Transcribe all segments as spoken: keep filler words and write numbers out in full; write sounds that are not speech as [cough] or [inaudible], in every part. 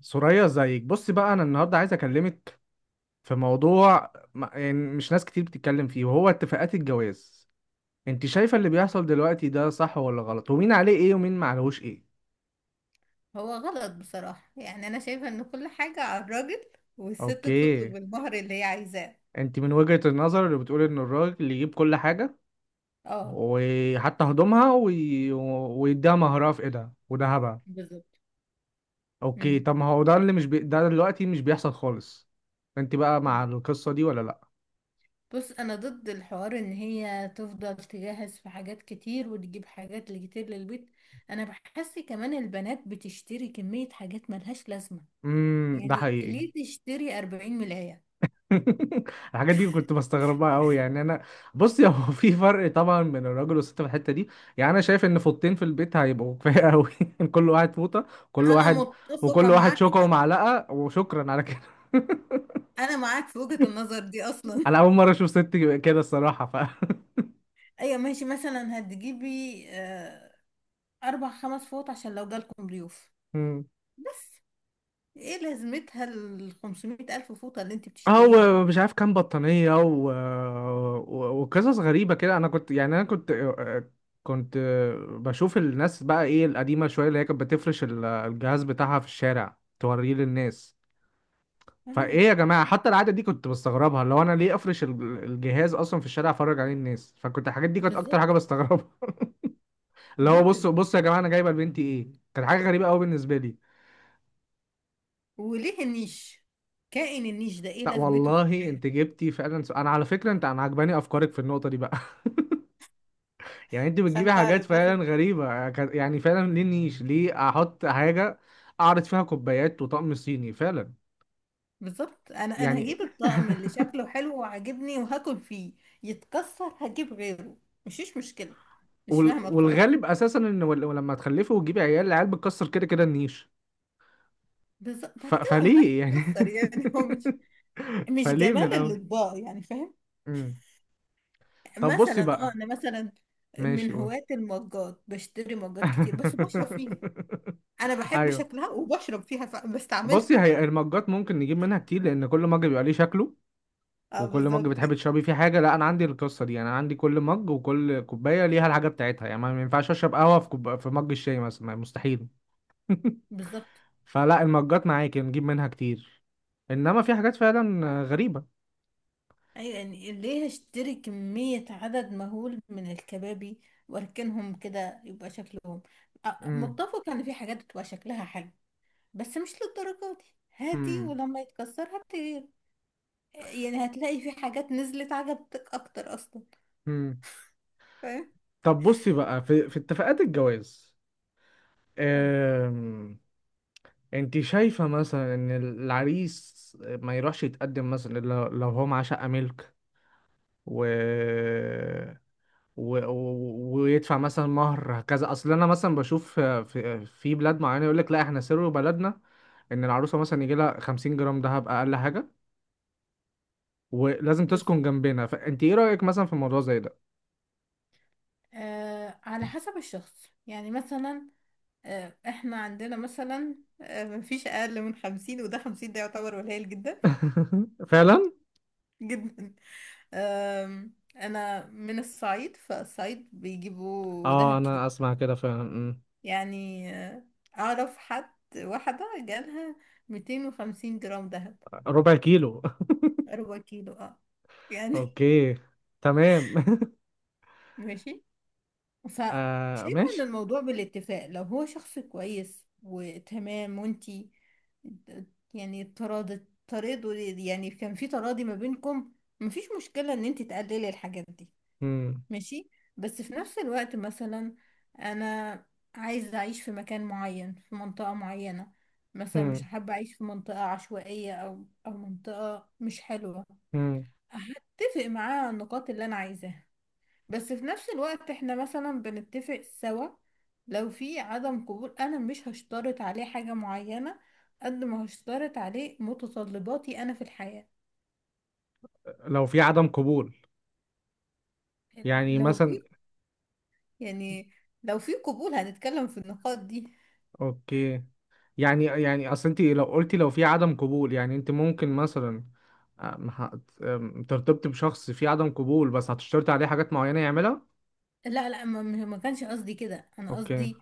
سوريا زيك بصي بقى انا النهارده عايز اكلمك في موضوع م- يعني مش ناس كتير بتتكلم فيه، وهو اتفاقات الجواز. انت شايفه اللي بيحصل دلوقتي ده صح ولا غلط، ومين عليه ايه ومين ما عليهوش ايه؟ هو غلط بصراحة، يعني أنا شايفة إن كل حاجة على الراجل والست اوكي. تطلب المهر اللي هي عايزاه. انت من وجهة النظر اللي بتقول ان الراجل يجيب كل حاجه، اه، وحتى هدومها وي... ويديها مهرها في ايدها وذهبها. بالظبط. اوكي، مم. طب ما هو ده اللي مش بي... ده دلوقتي مش بيحصل خالص. انت بقى د- مع القصه دي ولا لا؟ بص، أنا ضد الحوار إن هي تفضل تجهز في حاجات كتير وتجيب حاجات كتير للبيت. أنا بحس كمان البنات بتشتري كمية حاجات ملهاش لازمة. امم، ده يعني حقيقي. ليه تشتري أربعين ملاية؟ [laughs] الحاجات دي كنت بستغربها قوي يعني انا. بص، هو [laughs] في فرق طبعا بين الراجل والست في الحته دي. يعني انا شايف ان فوطتين في البيت هيبقوا كفايه قوي. [laughs] كل واحد فوطه، كل أنا واحد، وكل متفقة واحد معاك. شوكه ومعلقه وشكرا على كده. [laughs] أنا معاك في وجهة النظر دي أصلا. انا اول مره اشوف ست كده، الصراحه، ف [laughs] [laughs] أيوة ماشي، مثلا هتجيبي آه، أربع خمس فوط عشان لو جالكم ضيوف، مم. بس. ايه لازمتها ال خمسمية ألف فوطة اللي انت بتشتريهم دول؟ او مش عارف كام بطانيه و... و... وقصص غريبه كده. انا كنت، يعني انا كنت كنت بشوف الناس بقى ايه، القديمه شويه اللي هي كانت بتفرش ال- الجهاز بتاعها في الشارع توريه للناس. آه، فايه يا جماعه، حتى العاده دي كنت بستغربها، اللي هو انا ليه افرش ال- الجهاز اصلا في الشارع افرج عليه الناس؟ فكنت الحاجات دي كانت اكتر حاجه بالظبط. بستغربها. [laughs] اللي هو جدا. بصوا بصوا يا جماعه انا جايبه لبنتي ايه. كانت حاجه غريبه قوي بالنسبه لي. وليه النيش؟ كائن النيش ده ايه لا لازمته في والله الحياة؟ انت جبتي فعلا، س- انا على فكره انت، انا عجباني افكارك في النقطه دي بقى. [laughs] يعني انت بتجيبي عشان حاجات تعرف بس. فعلا غريبه. كان- يعني فعلا ليه نيش، ليه احط حاجه اعرض فيها كوبايات وطقم صيني فعلا؟ بالظبط، انا انا يعني هجيب الطقم اللي [laughs] شكله حلو وعاجبني وهاكل فيه. يتكسر هجيب غيره. مفيش مشكلة. مش وال- فاهمة بصراحة. والغالب اساسا ان ول- لما تخلفي وتجيبي عيال، العيال بتكسر كده كده النيش. بالظبط، بعد ف... كده هو ما فليه يعني؟ يتكسر، يعني [laughs] هو مش [laughs] مش فليه من جمال الاول؟ الأطباق، يعني فاهم. مم. طب بصي مثلا اه بقى، انا مثلا ماشي من قول. هواة المجات، بشتري مجات كتير بس بشرب [laughs] فيها. انا بحب ايوه. شكلها وبشرب فيها فبستعملها. بصي، هي المجات ممكن نجيب منها كتير، لان كل مج بيبقى ليه شكله، [laughs] اه، وكل مج بالظبط. بتحبي تشربي فيه حاجه. لا انا عندي القصه دي، يعني انا عندي كل مج وكل كوبايه ليها الحاجه بتاعتها. يعني ما ما ينفعش اشرب قهوه في كوب... في مج الشاي مثلا، ما- مستحيل. بالظبط، فلا، المجات معاكي نجيب منها كتير، انما في حاجات فعلا غريبه. ايوه، يعني ليه هشتري كمية عدد مهول من الكبابي واركنهم كده يبقى شكلهم؟ آه، امم، متفق ان في حاجات بتبقى شكلها حلو، بس مش للدرجة دي. هاتي، امم. ولما يتكسر هاتي. يعني هتلاقي في حاجات نزلت عجبتك اكتر اصلا، فاهم. طب بصي بقى، في في اتفاقات الجواز، آه. أم... انت شايفة مثلا ان العريس ما يروحش يتقدم مثلا إلا لو لو هو معاه شقة ملك، و... و... و... ويدفع مثلا مهر كذا؟ اصل انا مثلا بشوف في، في بلاد معينة يقول لك لا احنا سر بلدنا ان العروسة مثلا يجي لها خمسين جرام دهب اقل حاجة، ولازم بس تسكن جنبنا. فانت ايه رأيك مثلا في موضوع زي ده؟ آه، على حسب الشخص، يعني مثلا، آه احنا عندنا مثلا، آه مفيش اقل من خمسين، وده خمسين ده يعتبر قليل جدا. [laughs] فعلا. [laughs] جدا. آه. انا من الصعيد، فالصعيد بيجيبوا دهب اه كتير. انا اسمع كده فعلا، أمم. يعني آه، اعرف حد واحدة جالها ميتين وخمسين جرام دهب. ربع كيلو. ربع كيلو، اه. [laughs] يعني اوكي، تمام. [laughs] [laughs] ماشي، آه فشايفة ان ماشي. الموضوع بالاتفاق، لو هو شخص كويس وتمام وانتي، يعني تراضي، تراضوا، يعني كان في تراضي ما بينكم، مفيش مشكلة ان انتي تقللي الحاجات دي، مم. ماشي. بس في نفس الوقت مثلا، انا عايزة اعيش في مكان معين، في منطقة معينة. مثلا مش مم. حابة اعيش في منطقة عشوائية، او او منطقة مش حلوة. مم. هتفق معاه على النقاط اللي انا عايزاها. بس في نفس الوقت احنا مثلا بنتفق سوا. لو في عدم قبول انا مش هشترط عليه حاجة معينة، قد ما هشترط عليه متطلباتي انا في الحياة. لو في عدم قبول يعني لو في مثلا. يعني لو في قبول هنتكلم في النقاط دي. اوكي. يعني يعني اصل انت لو قلتي لو في عدم قبول، يعني انت ممكن مثلا، أم، هت- أم، ترتبطي بشخص في عدم قبول بس هتشترطي عليه حاجات معينة يعملها؟ لا لا، ما, ما كانش قصدي كده، انا اوكي. قصدي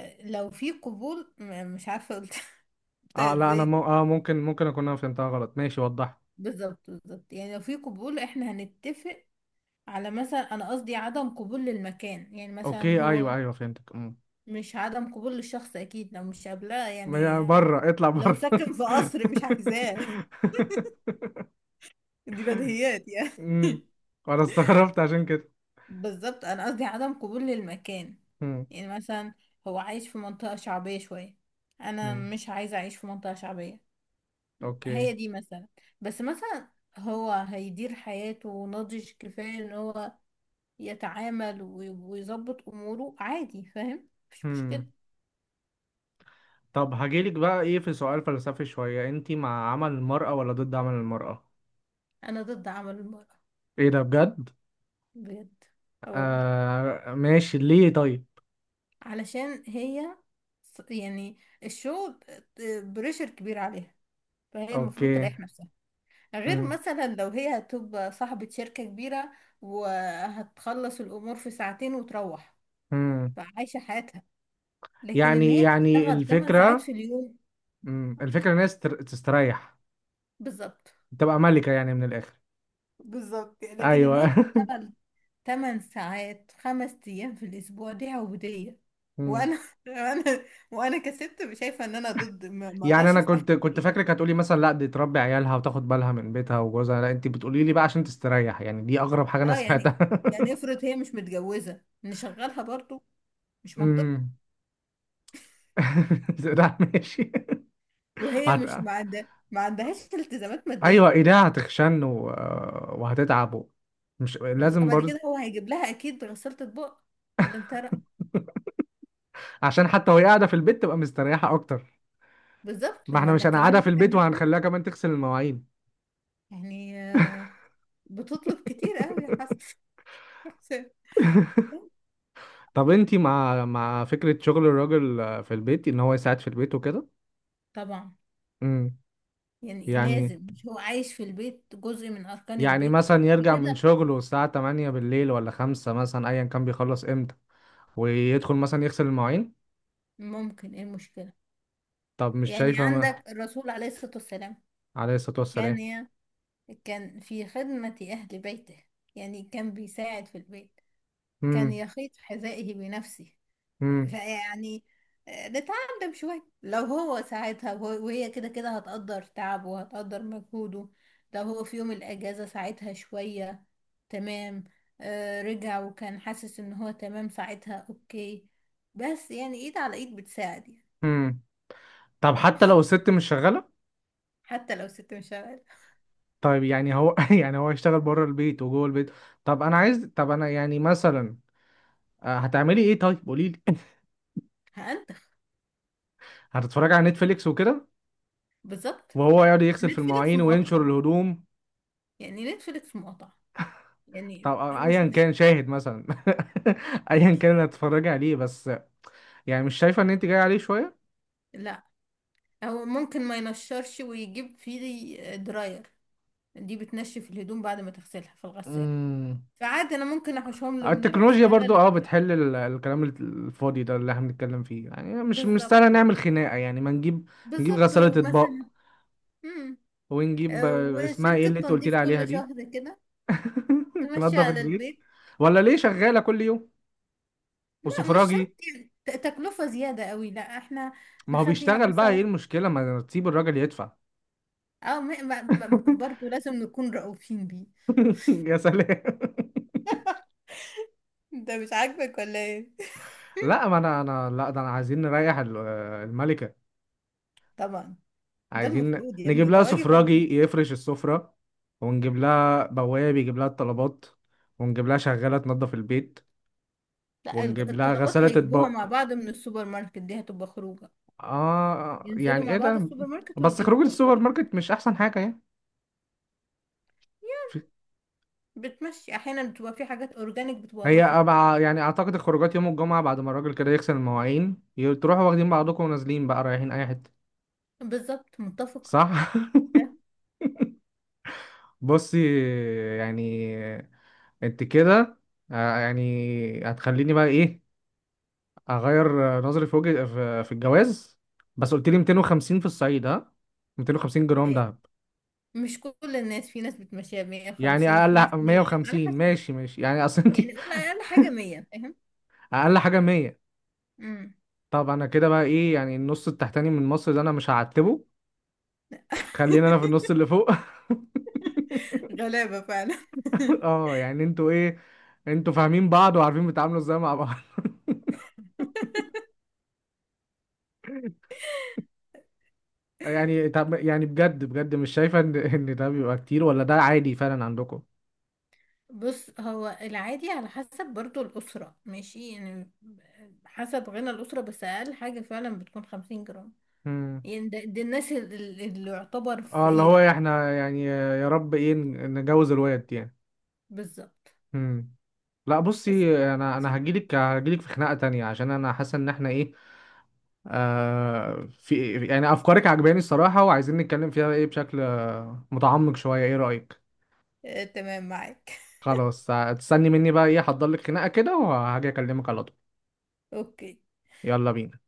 آه، لو في قبول، م- مش عارفة قلت [laughs] قلتها اه لا، انا ازاي م... دي. اه، ممكن ممكن اكون انا فهمتها غلط. ماشي، وضحت. بالظبط بالظبط، يعني لو في قبول احنا هنتفق على مثلا، انا قصدي عدم قبول للمكان، يعني مثلا اوكي، ايوه هو ايوه، فهمتك. مم. مش عدم قبول للشخص، اكيد لو مش قابلاه ما- يعني. بره، اطلع لو بره. ساكن في قصر مش عايزاه. [laughs] [laughs] دي بديهيات يعني. مم. انا استغربت عشان كده. بالظبط، انا قصدي عدم قبول للمكان. مم. يعني مثلا هو عايش في منطقة شعبية شوية، انا مم. مش عايزة اعيش في منطقة شعبية. اوكي. هي دي مثلا. بس مثلا هو هيدير حياته ناضج كفاية ان هو يتعامل وي- ويظبط اموره عادي، فاهم، مفيش مشكلة. طب هجيلك بقى ايه، في سؤال فلسفي شوية، انتي مع عمل المرأة ولا ضد عمل المرأة؟ انا ضد عمل المرأة. ايه ده، بجد؟ بجد. آه والله. آه ماشي، ليه طيب؟ علشان هي ص- يعني الشغل بريشر كبير عليها، فهي المفروض اوكي. تريح نفسها. غير مم. مثلا لو هي هتبقى صاحبة شركة كبيرة وهتخلص الأمور في ساعتين وتروح، مم. فعايشة حياتها. لكن إن يعني هي يعني تشتغل ثمان ساعات الفكرة، في اليوم. مم، الفكرة ان هي تستر- تستريح، بالظبط. تبقى ملكة يعني من الآخر. بالظبط، لكن إن هي ايوه. [laughs] تشتغل ثمان ساعات خمس أيام في الأسبوع دي عبودية. مم. وأنا [laughs] وأنا وأنا كست شايفة إن أنا ضد، ما ما يعني أقدرش انا كنت أستحمل كنت كده. فاكرك هتقولي مثلا لا دي تربي عيالها وتاخد بالها من بيتها وجوزها، لا انتي بتقولي لي بقى عشان تستريح. يعني دي اغرب حاجة انا اه، يعني سمعتها. يعني افرض هي مش متجوزة نشغلها برضو؟ مش [laughs] منطقي. مم. [laughs] ده ماشي. وهي هت... مش ما عندها ما عندهاش [laughs] التزامات مادية. ايوه، ايديها هتخشن و... وهتتعب، و... مش بز- لازم بعد كده برضه. هو هيجيب لها اكيد غسالة اطباق، ولا انت رأيك؟ عشان حتى وهي قاعده في البيت تبقى مستريحه اكتر. بالظبط، ما احنا امال مش لا كمان هنقعدها في هتتعب البيت نفسها. وهنخليها كمان تغسل المواعين. يعني آه، بتطلب كتير قوي يا حسن، [laughs] [laughs] يا حسام. لا. طب انتي مع مع فكره شغل الراجل في البيت، ان هو يساعد في البيت وكده؟ طبعا. امم. يعني يعني، لازم، مش هو عايش في البيت جزء من اركان يعني البيت. مثلا يرجع من كده شغله الساعه تمانية بالليل ولا خمسة مثلا، ايا كان بيخلص امتى، ويدخل مثلا يغسل المواعين. ممكن، ايه المشكلة؟ طب مش يعني شايفه ما... عندك الرسول عليه الصلاة والسلام عليه الصلاه والسلام. كان، كان في خدمة أهل بيته. يعني كان بيساعد في البيت. كان امم. يخيط حذائه بنفسه. امم. فيعني آه، نتعلم شوية. لو هو ساعدها وهو- وهي كده كده هتقدر تعبه وهتقدر مجهوده. لو هو في يوم الأجازة ساعدها شوية، تمام. آه، رجع وكان حاسس إن هو تمام، ساعتها أوكي. بس يعني إيد على إيد بتساعد يعني. امم. طب حتى لو الست مش شغاله. حتى لو ست مش شغالة. طيب يعني هو [laughs] يعني هو يشتغل بره البيت وجوه البيت. طب انا عايز، طب انا يعني مثلا، آه، هتعملي ايه طيب؟ قولي لي. هأنتخ. [laughs] هتتفرجي على نتفليكس وكده، بالظبط. وهو يقعد يغسل في نتفليكس المواعين وينشر مقاطعة، الهدوم؟ يعني نتفليكس مقاطعة، طب يعني آه، مش ايا مش كان شاهد مثلا، [laughs] ايا كان مش اللي هتتفرجي عليه، بس يعني مش شايفه ان انت جاي عليه شويه؟ لا، هو ممكن ما ينشرش ويجيب فيه دراير. دي بتنشف الهدوم بعد ما تغسلها في الغسالة. امم. فعادي انا ممكن احوشهم له من التكنولوجيا الغسالة برضو اه للدراير. بتحل ال- الكلام الفاضي ده اللي احنا بنتكلم فيه، يعني مش مش سهل بالظبط يعني، نعمل خناقه. يعني ما نجيب، نجيب بالظبط غساله اطباق، ومثلا. امم. ونجيب آه، آه، اسمها ايه وشركة اللي انت قلت تنظيف لي عليها كل دي؟ شهر كده، [laughs] تمشي تنظف على البيت، البيت. ولا ليه شغالة كل يوم؟ لا مش شرط، وسفراجي. يعني ت- تكلفة زيادة قوي. لا احنا ما هو نخليها بيشتغل، بقى ايه مثلا، المشكلة؟ ما تسيب الراجل يدفع. او م- ب- ب- [laughs] برضه لازم نكون رؤوفين بيه. يا سلام. انت مش عاجبك ولا ايه؟ لا، ما انا انا لا، ده انا عايزين نريح ال- الملكة. [laughs] طبعا. ده عايزين المفروض يا نجيب ابني ده لها واجب عليك. سفراجي يفرش السفرة، ونجيب لها بواب يجيب لها الطلبات، ونجيب لها شغالة تنظف البيت، لا، الج- ونجيب لها الطلبات غسالة هيجيبوها مع اطباق. بعض من السوبر ماركت، دي هتبقى خروجة. اه ينزلوا يعني مع ايه بعض ده؟ السوبر ماركت بس ويجيبوا خروج الطلبات السوبر ويرجعوا. ماركت مش احسن حاجة يعني. بتمشي احيانا، بتبقى في حاجات اورجانيك بتبقى هي لطيفة. أبع... يعني اعتقد الخروجات يوم الجمعة بعد ما الراجل كده يغسل المواعين، ي- تروحوا واخدين بعضكم ونازلين بقى رايحين اي حتة. بالظبط، متفقة. صح؟ ها؟ [laughs] بصي، يعني انت كده، آه، يعني هتخليني بقى ايه اغير آه، نظري في وجه في في الجواز. بس قلت لي ميتين وخمسين في الصعيد ها؟ ميتين وخمسين جرام إيه، دهب؟ مش كل الناس، في ناس بتمشيها يعني مية وخمسين، وفي ناس اقل مئة، على مية وخمسين، حسب. ماشي ماشي يعني، اصل انت. يعني قول [laughs] اقل حاجة مية، فاهم. اقل حاجة مية. امم. طب انا كده بقى ايه، يعني النص التحتاني من مصر ده انا مش هعتبه، خلينا انا في [laughs] النص اللي فوق. [laughs] غلابة فعلا. [laughs] اه يعني انتوا ايه، انتوا فاهمين بعض وعارفين بتتعاملوا ازاي مع بعض. [laughs] يعني طب يعني، بجد بجد مش شايفه ان ان ده بيبقى كتير، ولا ده عادي فعلا عندكم؟ بص هو العادي على حسب برضو الأسرة، ماشي يعني حسب غنى الأسرة، بس أقل حاجة فعلا بتكون خمسين جرام. امم. يعني ده, ده الناس، ال- ال- اللي يعتبر اه، اللي هو فقيرة. احنا يعني يا رب ايه ن- نجوز الواد يعني. بالظبط. امم. لا بس بصي، انا انا هجيلك هجيلك في خناقه تانية، عشان انا حاسه ان احنا ايه، آه في يعني افكارك عجباني الصراحه وعايزين نتكلم فيها ايه بشكل آه، متعمق شويه. ايه رايك؟ آه، تمام معاك. [laughs] خلاص، هتستني مني بقى ايه، هحضر لك خناقه كده وهاجي اكلمك على طول. اوكي. يلا بينا.